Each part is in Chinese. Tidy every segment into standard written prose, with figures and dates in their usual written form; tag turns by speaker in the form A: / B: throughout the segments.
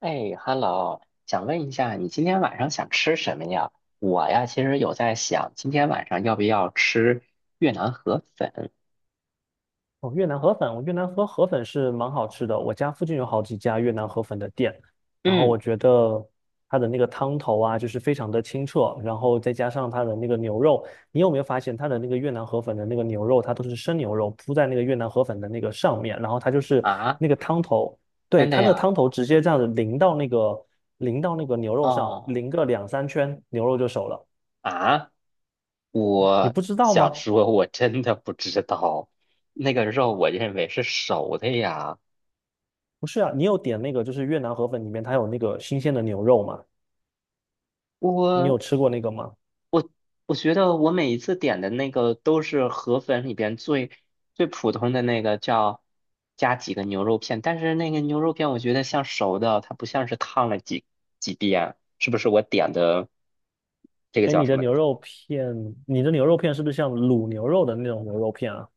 A: 哎，Hello，想问一下，你今天晚上想吃什么呀？我呀，其实有在想，今天晚上要不要吃越南河粉？
B: 哦，越南河粉，我越南河粉是蛮好吃的。我家附近有好几家越南河粉的店，然后
A: 嗯，
B: 我觉得它的那个汤头啊，就是非常的清澈，然后再加上它的那个牛肉，你有没有发现它的那个越南河粉的那个牛肉，它都是生牛肉铺在那个越南河粉的那个上面，然后它就是
A: 啊，
B: 那个汤头，对，
A: 真的
B: 它那个
A: 呀？
B: 汤头直接这样子淋到那个牛肉上，
A: 哦，
B: 淋个两三圈，牛肉就熟了。
A: 啊，
B: 你
A: 我
B: 不知道
A: 想
B: 吗？
A: 说，我真的不知道，那个肉我认为是熟的呀。
B: 不是啊，你有点那个就是越南河粉里面它有那个新鲜的牛肉嘛？你有
A: 我。
B: 吃过那个吗？
A: 我觉得我每一次点的那个都是河粉里边最普通的那个叫加几个牛肉片，但是那个牛肉片我觉得像熟的，它不像是烫了几遍，是不是我点的这个
B: 哎，
A: 叫
B: 你
A: 什
B: 的
A: 么？
B: 牛肉片，你的牛肉片是不是像卤牛肉的那种牛肉片啊？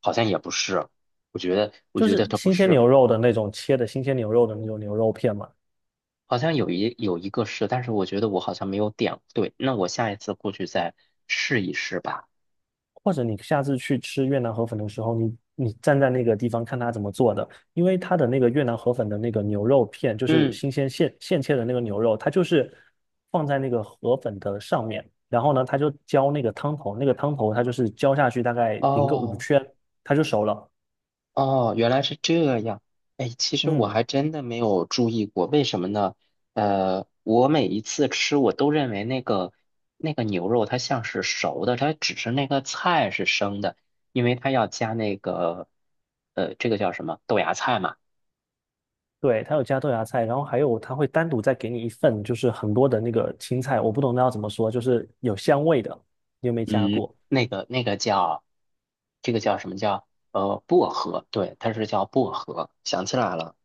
A: 好像也不是，我觉得我
B: 就
A: 觉得
B: 是
A: 它不
B: 新鲜牛
A: 是，
B: 肉的那种切的新鲜牛肉的那种牛肉片嘛？
A: 好像有一个是，但是我觉得我好像没有点对，那我下一次过去再试一试吧。
B: 或者你下次去吃越南河粉的时候，你站在那个地方看它怎么做的，因为它的那个越南河粉的那个牛肉片，就是
A: 嗯，
B: 新鲜现切的那个牛肉，它就是放在那个河粉的上面，然后呢，它就浇那个汤头，那个汤头它就是浇下去大概淋个五
A: 哦。
B: 圈，它就熟了。
A: 哦，原来是这样。哎，其实我
B: 嗯。
A: 还真的没有注意过，为什么呢？我每一次吃，我都认为那个牛肉它像是熟的，它只是那个菜是生的，因为它要加那个这个叫什么豆芽菜嘛？
B: 对，它有加豆芽菜，然后还有它会单独再给你一份，就是很多的那个青菜，我不懂那要怎么说，就是有香味的，你有没有加
A: 嗯，
B: 过？
A: 那个那个叫这个叫什么叫呃薄荷？对，它是叫薄荷。想起来了，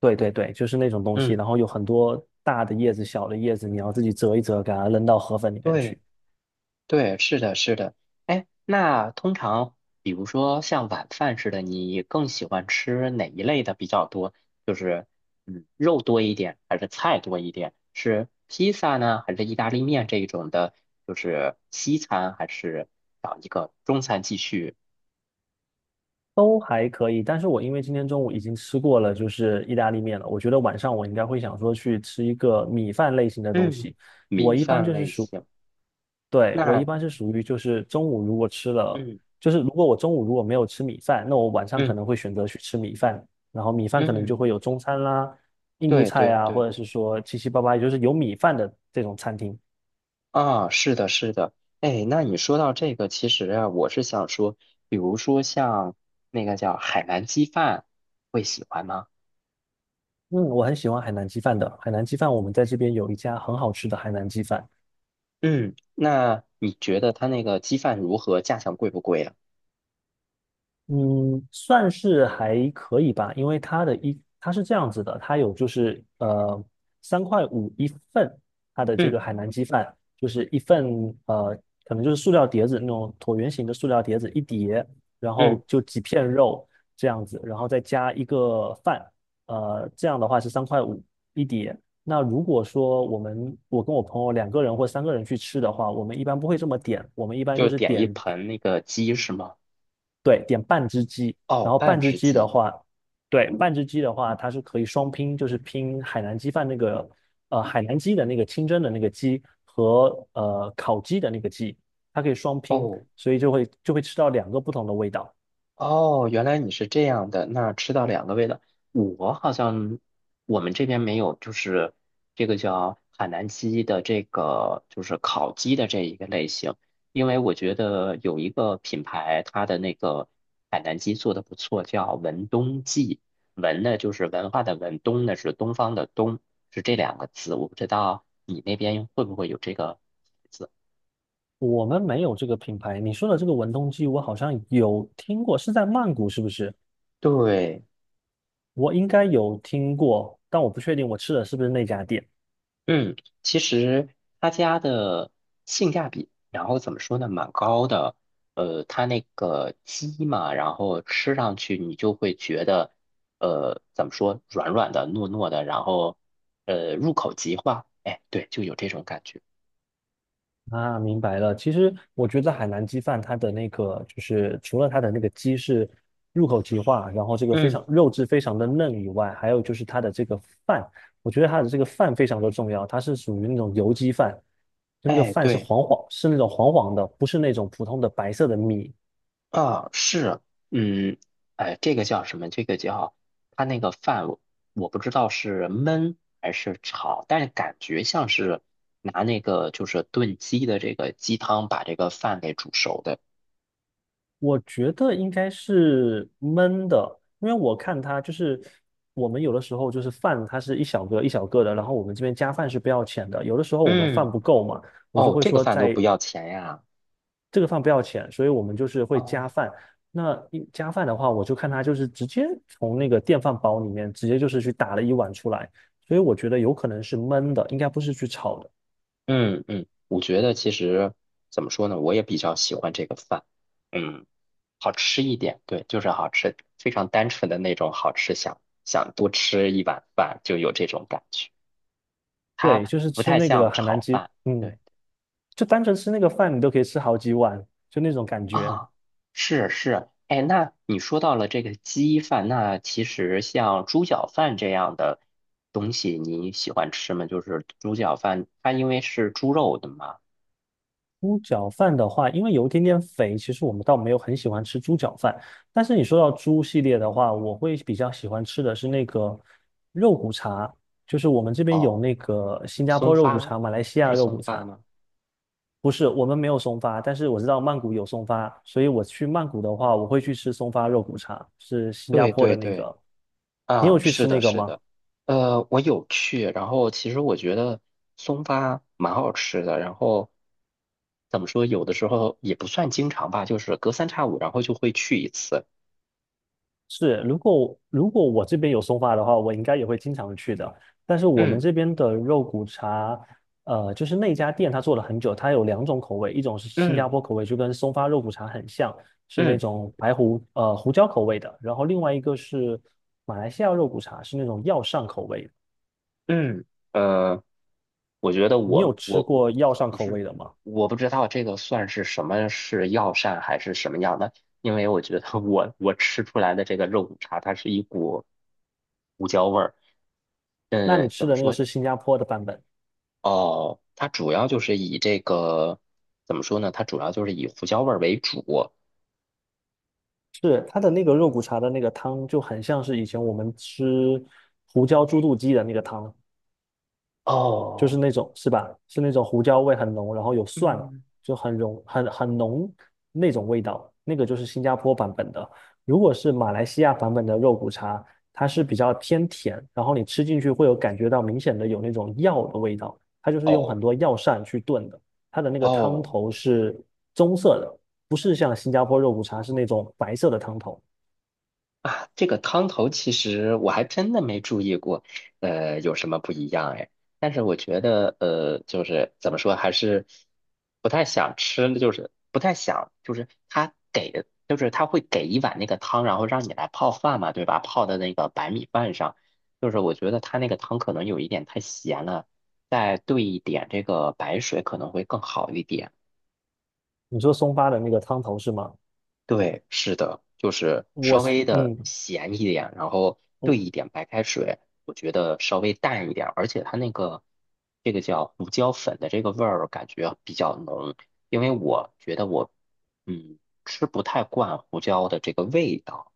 B: 对对对，就是那种东西，
A: 嗯，
B: 然后有很多大的叶子、小的叶子，你要自己折一折，给它扔到河粉里面
A: 对。
B: 去，
A: 对，是的，是的。哎，那通常，比如说像晚饭似的，你更喜欢吃哪一类的比较多？就是，嗯，肉多一点，还是菜多一点？是披萨呢，还是意大利面这一种的？就是西餐，还是找一个中餐继续？
B: 都还可以。但是我因为今天中午已经吃过了，就是意大利面了，我觉得晚上我应该会想说去吃一个米饭类型的东
A: 嗯，
B: 西。我
A: 米
B: 一般
A: 饭
B: 就是
A: 类
B: 属
A: 型。
B: 对，我一
A: 那，
B: 般是属于就是中午如果吃了，
A: 嗯
B: 就是如果我中午如果没有吃米饭，那我晚上可
A: 嗯
B: 能会选择去吃米饭，然后米饭可能就
A: 嗯，
B: 会有中餐啦、印度
A: 对
B: 菜
A: 对
B: 啊，或
A: 对。
B: 者是说七七八八，也就是有米饭的这种餐厅。
A: 啊，是的，是的，哎，那你说到这个，其实啊，我是想说，比如说像那个叫海南鸡饭，会喜欢吗？
B: 嗯，我很喜欢海南鸡饭的，海南鸡饭我们在这边有一家很好吃的海南鸡饭。
A: 嗯，那你觉得它那个鸡饭如何？价钱贵不贵啊？
B: 嗯，算是还可以吧，因为它的一它是这样子的，它有就是三块五一份，它的这
A: 嗯
B: 个海南鸡饭就是一份呃可能就是塑料碟子那种椭圆形的塑料碟子一碟，然后
A: 嗯，
B: 就几片肉这样子，然后再加一个饭，这样的话是三块五一碟。那如果说我们我跟我朋友两个人或三个人去吃的话，我们一般不会这么点，我们一般就
A: 就
B: 是
A: 点一
B: 点
A: 盆那个鸡是吗？
B: 对，点半只鸡，然
A: 哦，
B: 后半
A: 半
B: 只
A: 只
B: 鸡的
A: 鸡。
B: 话，对，半只鸡的话，它是可以双拼，就是拼海南鸡饭那个，海南鸡的那个清蒸的那个鸡和烤鸡的那个鸡，它可以双拼，
A: 哦，
B: 所以就会吃到两个不同的味道。
A: 哦，原来你是这样的，那吃到两个味道，我好像我们这边没有，就是这个叫海南鸡的这个就是烤鸡的这一个类型，因为我觉得有一个品牌，它的那个海南鸡做的不错，叫文东记，文呢就是文化的文，东呢是东方的东，是这两个字，我不知道你那边会不会有这个字。
B: 我们没有这个品牌，你说的这个文东鸡，我好像有听过，是在曼谷是不是？
A: 对。
B: 我应该有听过，但我不确定我吃的是不是那家店。
A: 嗯，其实他家的性价比，然后怎么说呢，蛮高的。他那个鸡嘛，然后吃上去你就会觉得，怎么说，软软的、糯糯的，然后，入口即化。哎，对，就有这种感觉。
B: 啊，明白了。其实我觉得海南鸡饭它的那个，就是除了它的那个鸡是入口即化，然后这个非
A: 嗯，
B: 常肉质非常的嫩以外，还有就是它的这个饭，我觉得它的这个饭非常的重要，它是属于那种油鸡饭，就那个
A: 哎，
B: 饭是
A: 对。
B: 黄黄，是那种黄黄的，不是那种普通的白色的米，
A: 啊，是，嗯，哎，这个叫什么？这个叫它那个饭我，我不知道是焖还是炒，但是感觉像是拿那个就是炖鸡的这个鸡汤把这个饭给煮熟的。
B: 我觉得应该是焖的，因为我看它就是我们有的时候就是饭，它是一小个一小个的，然后我们这边加饭是不要钱的。有的时候我们饭
A: 嗯，
B: 不够嘛，我就
A: 哦，
B: 会
A: 这个
B: 说
A: 饭都不
B: 在
A: 要钱呀。
B: 这个饭不要钱，所以我们就是会加
A: 哦，
B: 饭。那一加饭的话，我就看它就是直接从那个电饭煲里面直接就是去打了一碗出来，所以我觉得有可能是焖的，应该不是去炒的。
A: 嗯嗯，我觉得其实怎么说呢，我也比较喜欢这个饭，嗯，好吃一点，对，就是好吃，非常单纯的那种好吃，想多吃一碗饭就有这种感觉。它
B: 对，就是
A: 不
B: 吃
A: 太
B: 那
A: 像
B: 个海南
A: 炒
B: 鸡，
A: 饭。
B: 嗯，
A: 对
B: 就单纯吃那个饭，你都可以吃好几碗，就那种感觉。
A: 啊，是是，哎，那你说到了这个鸡饭，那其实像猪脚饭这样的东西，你喜欢吃吗？就是猪脚饭，它因为是猪肉的嘛。
B: 猪脚饭的话，因为有一点点肥，其实我们倒没有很喜欢吃猪脚饭。但是你说到猪系列的话，我会比较喜欢吃的是那个肉骨茶，就是我们这边有
A: 哦，
B: 那个新加
A: 松
B: 坡肉骨
A: 发，
B: 茶、马来西
A: 是
B: 亚肉
A: 松
B: 骨
A: 发
B: 茶。
A: 吗？
B: 不是，我们没有松发，但是我知道曼谷有松发，所以我去曼谷的话，我会去吃松发肉骨茶，是新加
A: 对
B: 坡的
A: 对
B: 那
A: 对。
B: 个。你有
A: 啊，
B: 去
A: 是
B: 吃那
A: 的，
B: 个
A: 是
B: 吗？
A: 的，我有去，然后其实我觉得松发蛮好吃的，然后怎么说，有的时候也不算经常吧，就是隔三差五，然后就会去一次。
B: 是，如果我这边有松发的话，我应该也会经常去的。但是我们
A: 嗯
B: 这边的肉骨茶，就是那家店它做了很久，它有两种口味，一种是新加
A: 嗯
B: 坡口味，就跟松发肉骨茶很像，是那
A: 嗯
B: 种胡椒口味的。然后另外一个是马来西亚肉骨茶，是那种药膳口味的。
A: 嗯，呃，我觉得
B: 你有
A: 我
B: 吃
A: 我
B: 过药膳
A: 不
B: 口
A: 是，
B: 味的吗？
A: 我不知道这个算是什么是药膳还是什么样的，因为我觉得我吃出来的这个肉骨茶，它是一股胡椒味儿。
B: 那你
A: 嗯，
B: 吃
A: 怎么
B: 的那个
A: 说？
B: 是新加坡的版本。
A: 哦，它主要就是以这个，怎么说呢？它主要就是以胡椒味儿为主。
B: 是它的那个肉骨茶的那个汤就很像是以前我们吃胡椒猪肚鸡的那个汤，就是
A: 哦，
B: 那种是吧？是那种胡椒味很浓，然后有蒜啊，
A: 嗯，
B: 就很浓很浓那种味道，那个就是新加坡版本的。如果是马来西亚版本的肉骨茶，它是比较偏甜，然后你吃进去会有感觉到明显的有那种药的味道，它就是用很
A: 哦，
B: 多药膳去炖的，它的那个汤
A: 哦，
B: 头是棕色的，不是像新加坡肉骨茶是那种白色的汤头。
A: 啊，这个汤头其实我还真的没注意过，有什么不一样哎？但是我觉得，就是怎么说，还是不太想吃，就是不太想，就是他给的，就是他会给一碗那个汤，然后让你来泡饭嘛，对吧？泡的那个白米饭上，就是我觉得他那个汤可能有一点太咸了，再兑一点这个白水可能会更好一点。
B: 你说松发的那个汤头是吗？
A: 对，是的，就是
B: 我
A: 稍
B: 是。
A: 微的咸一点，然后兑一点白开水，我觉得稍微淡一点，而且它那个这个叫胡椒粉的这个味儿感觉比较浓，因为我觉得我嗯吃不太惯胡椒的这个味道。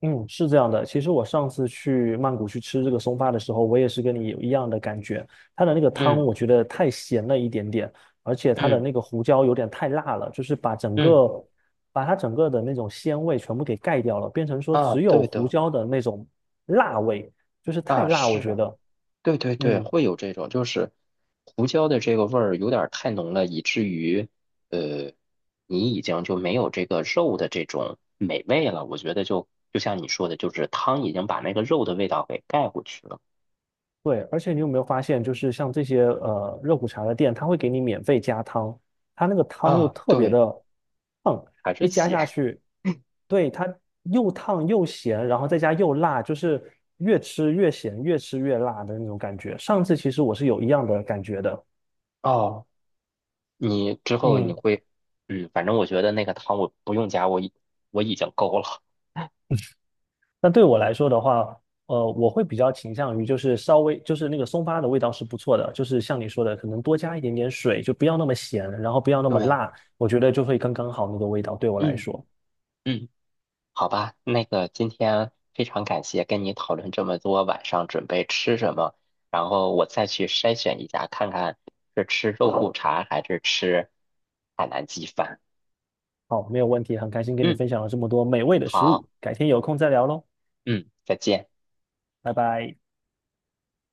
B: 嗯，是这样的。其实我上次去曼谷去吃这个松发的时候，我也是跟你有一样的感觉。它的那个汤
A: 嗯
B: 我觉得太咸了一点点，而且它的
A: 嗯
B: 那个胡椒有点太辣了，就是
A: 嗯，
B: 把它整个的那种鲜味全部给盖掉了，变成说
A: 啊，
B: 只有
A: 对
B: 胡
A: 的，
B: 椒的那种辣味，就是太
A: 啊
B: 辣，我
A: 是
B: 觉
A: 啊。
B: 得。
A: 对对对，
B: 嗯。
A: 会有这种，就是胡椒的这个味儿有点儿太浓了，以至于呃，你已经就没有这个肉的这种美味了。我觉得就就像你说的，就是汤已经把那个肉的味道给盖过去了。
B: 对，而且你有没有发现，就是像这些热骨茶的店，它会给你免费加汤，它那个汤又
A: 啊，
B: 特别
A: 对，
B: 的烫，
A: 还是
B: 一加下
A: 咸。
B: 去，对，它又烫又咸，然后再加又辣，就是越吃越咸，越吃越辣的那种感觉。上次其实我是有一样的感觉的，
A: 哦，你之后你
B: 嗯。
A: 会，嗯，反正我觉得那个汤我不用加，我已经够了。
B: 那对我来说的话，我会比较倾向于就是稍微就是那个松发的味道是不错的，就是像你说的，可能多加一点点水，就不要那么咸，然后不要那么
A: 对，
B: 辣，我觉得就会刚刚好那个味道对我来
A: 嗯
B: 说。
A: 嗯。好吧，那个今天非常感谢跟你讨论这么多，晚上准备吃什么，然后我再去筛选一下，看看是吃肉骨茶还是吃海南鸡饭。
B: 好，没有问题，很开心跟你
A: 嗯，
B: 分享了这么多美味的食物，
A: 好，
B: 改天有空再聊喽，
A: 嗯，再见。
B: 拜拜。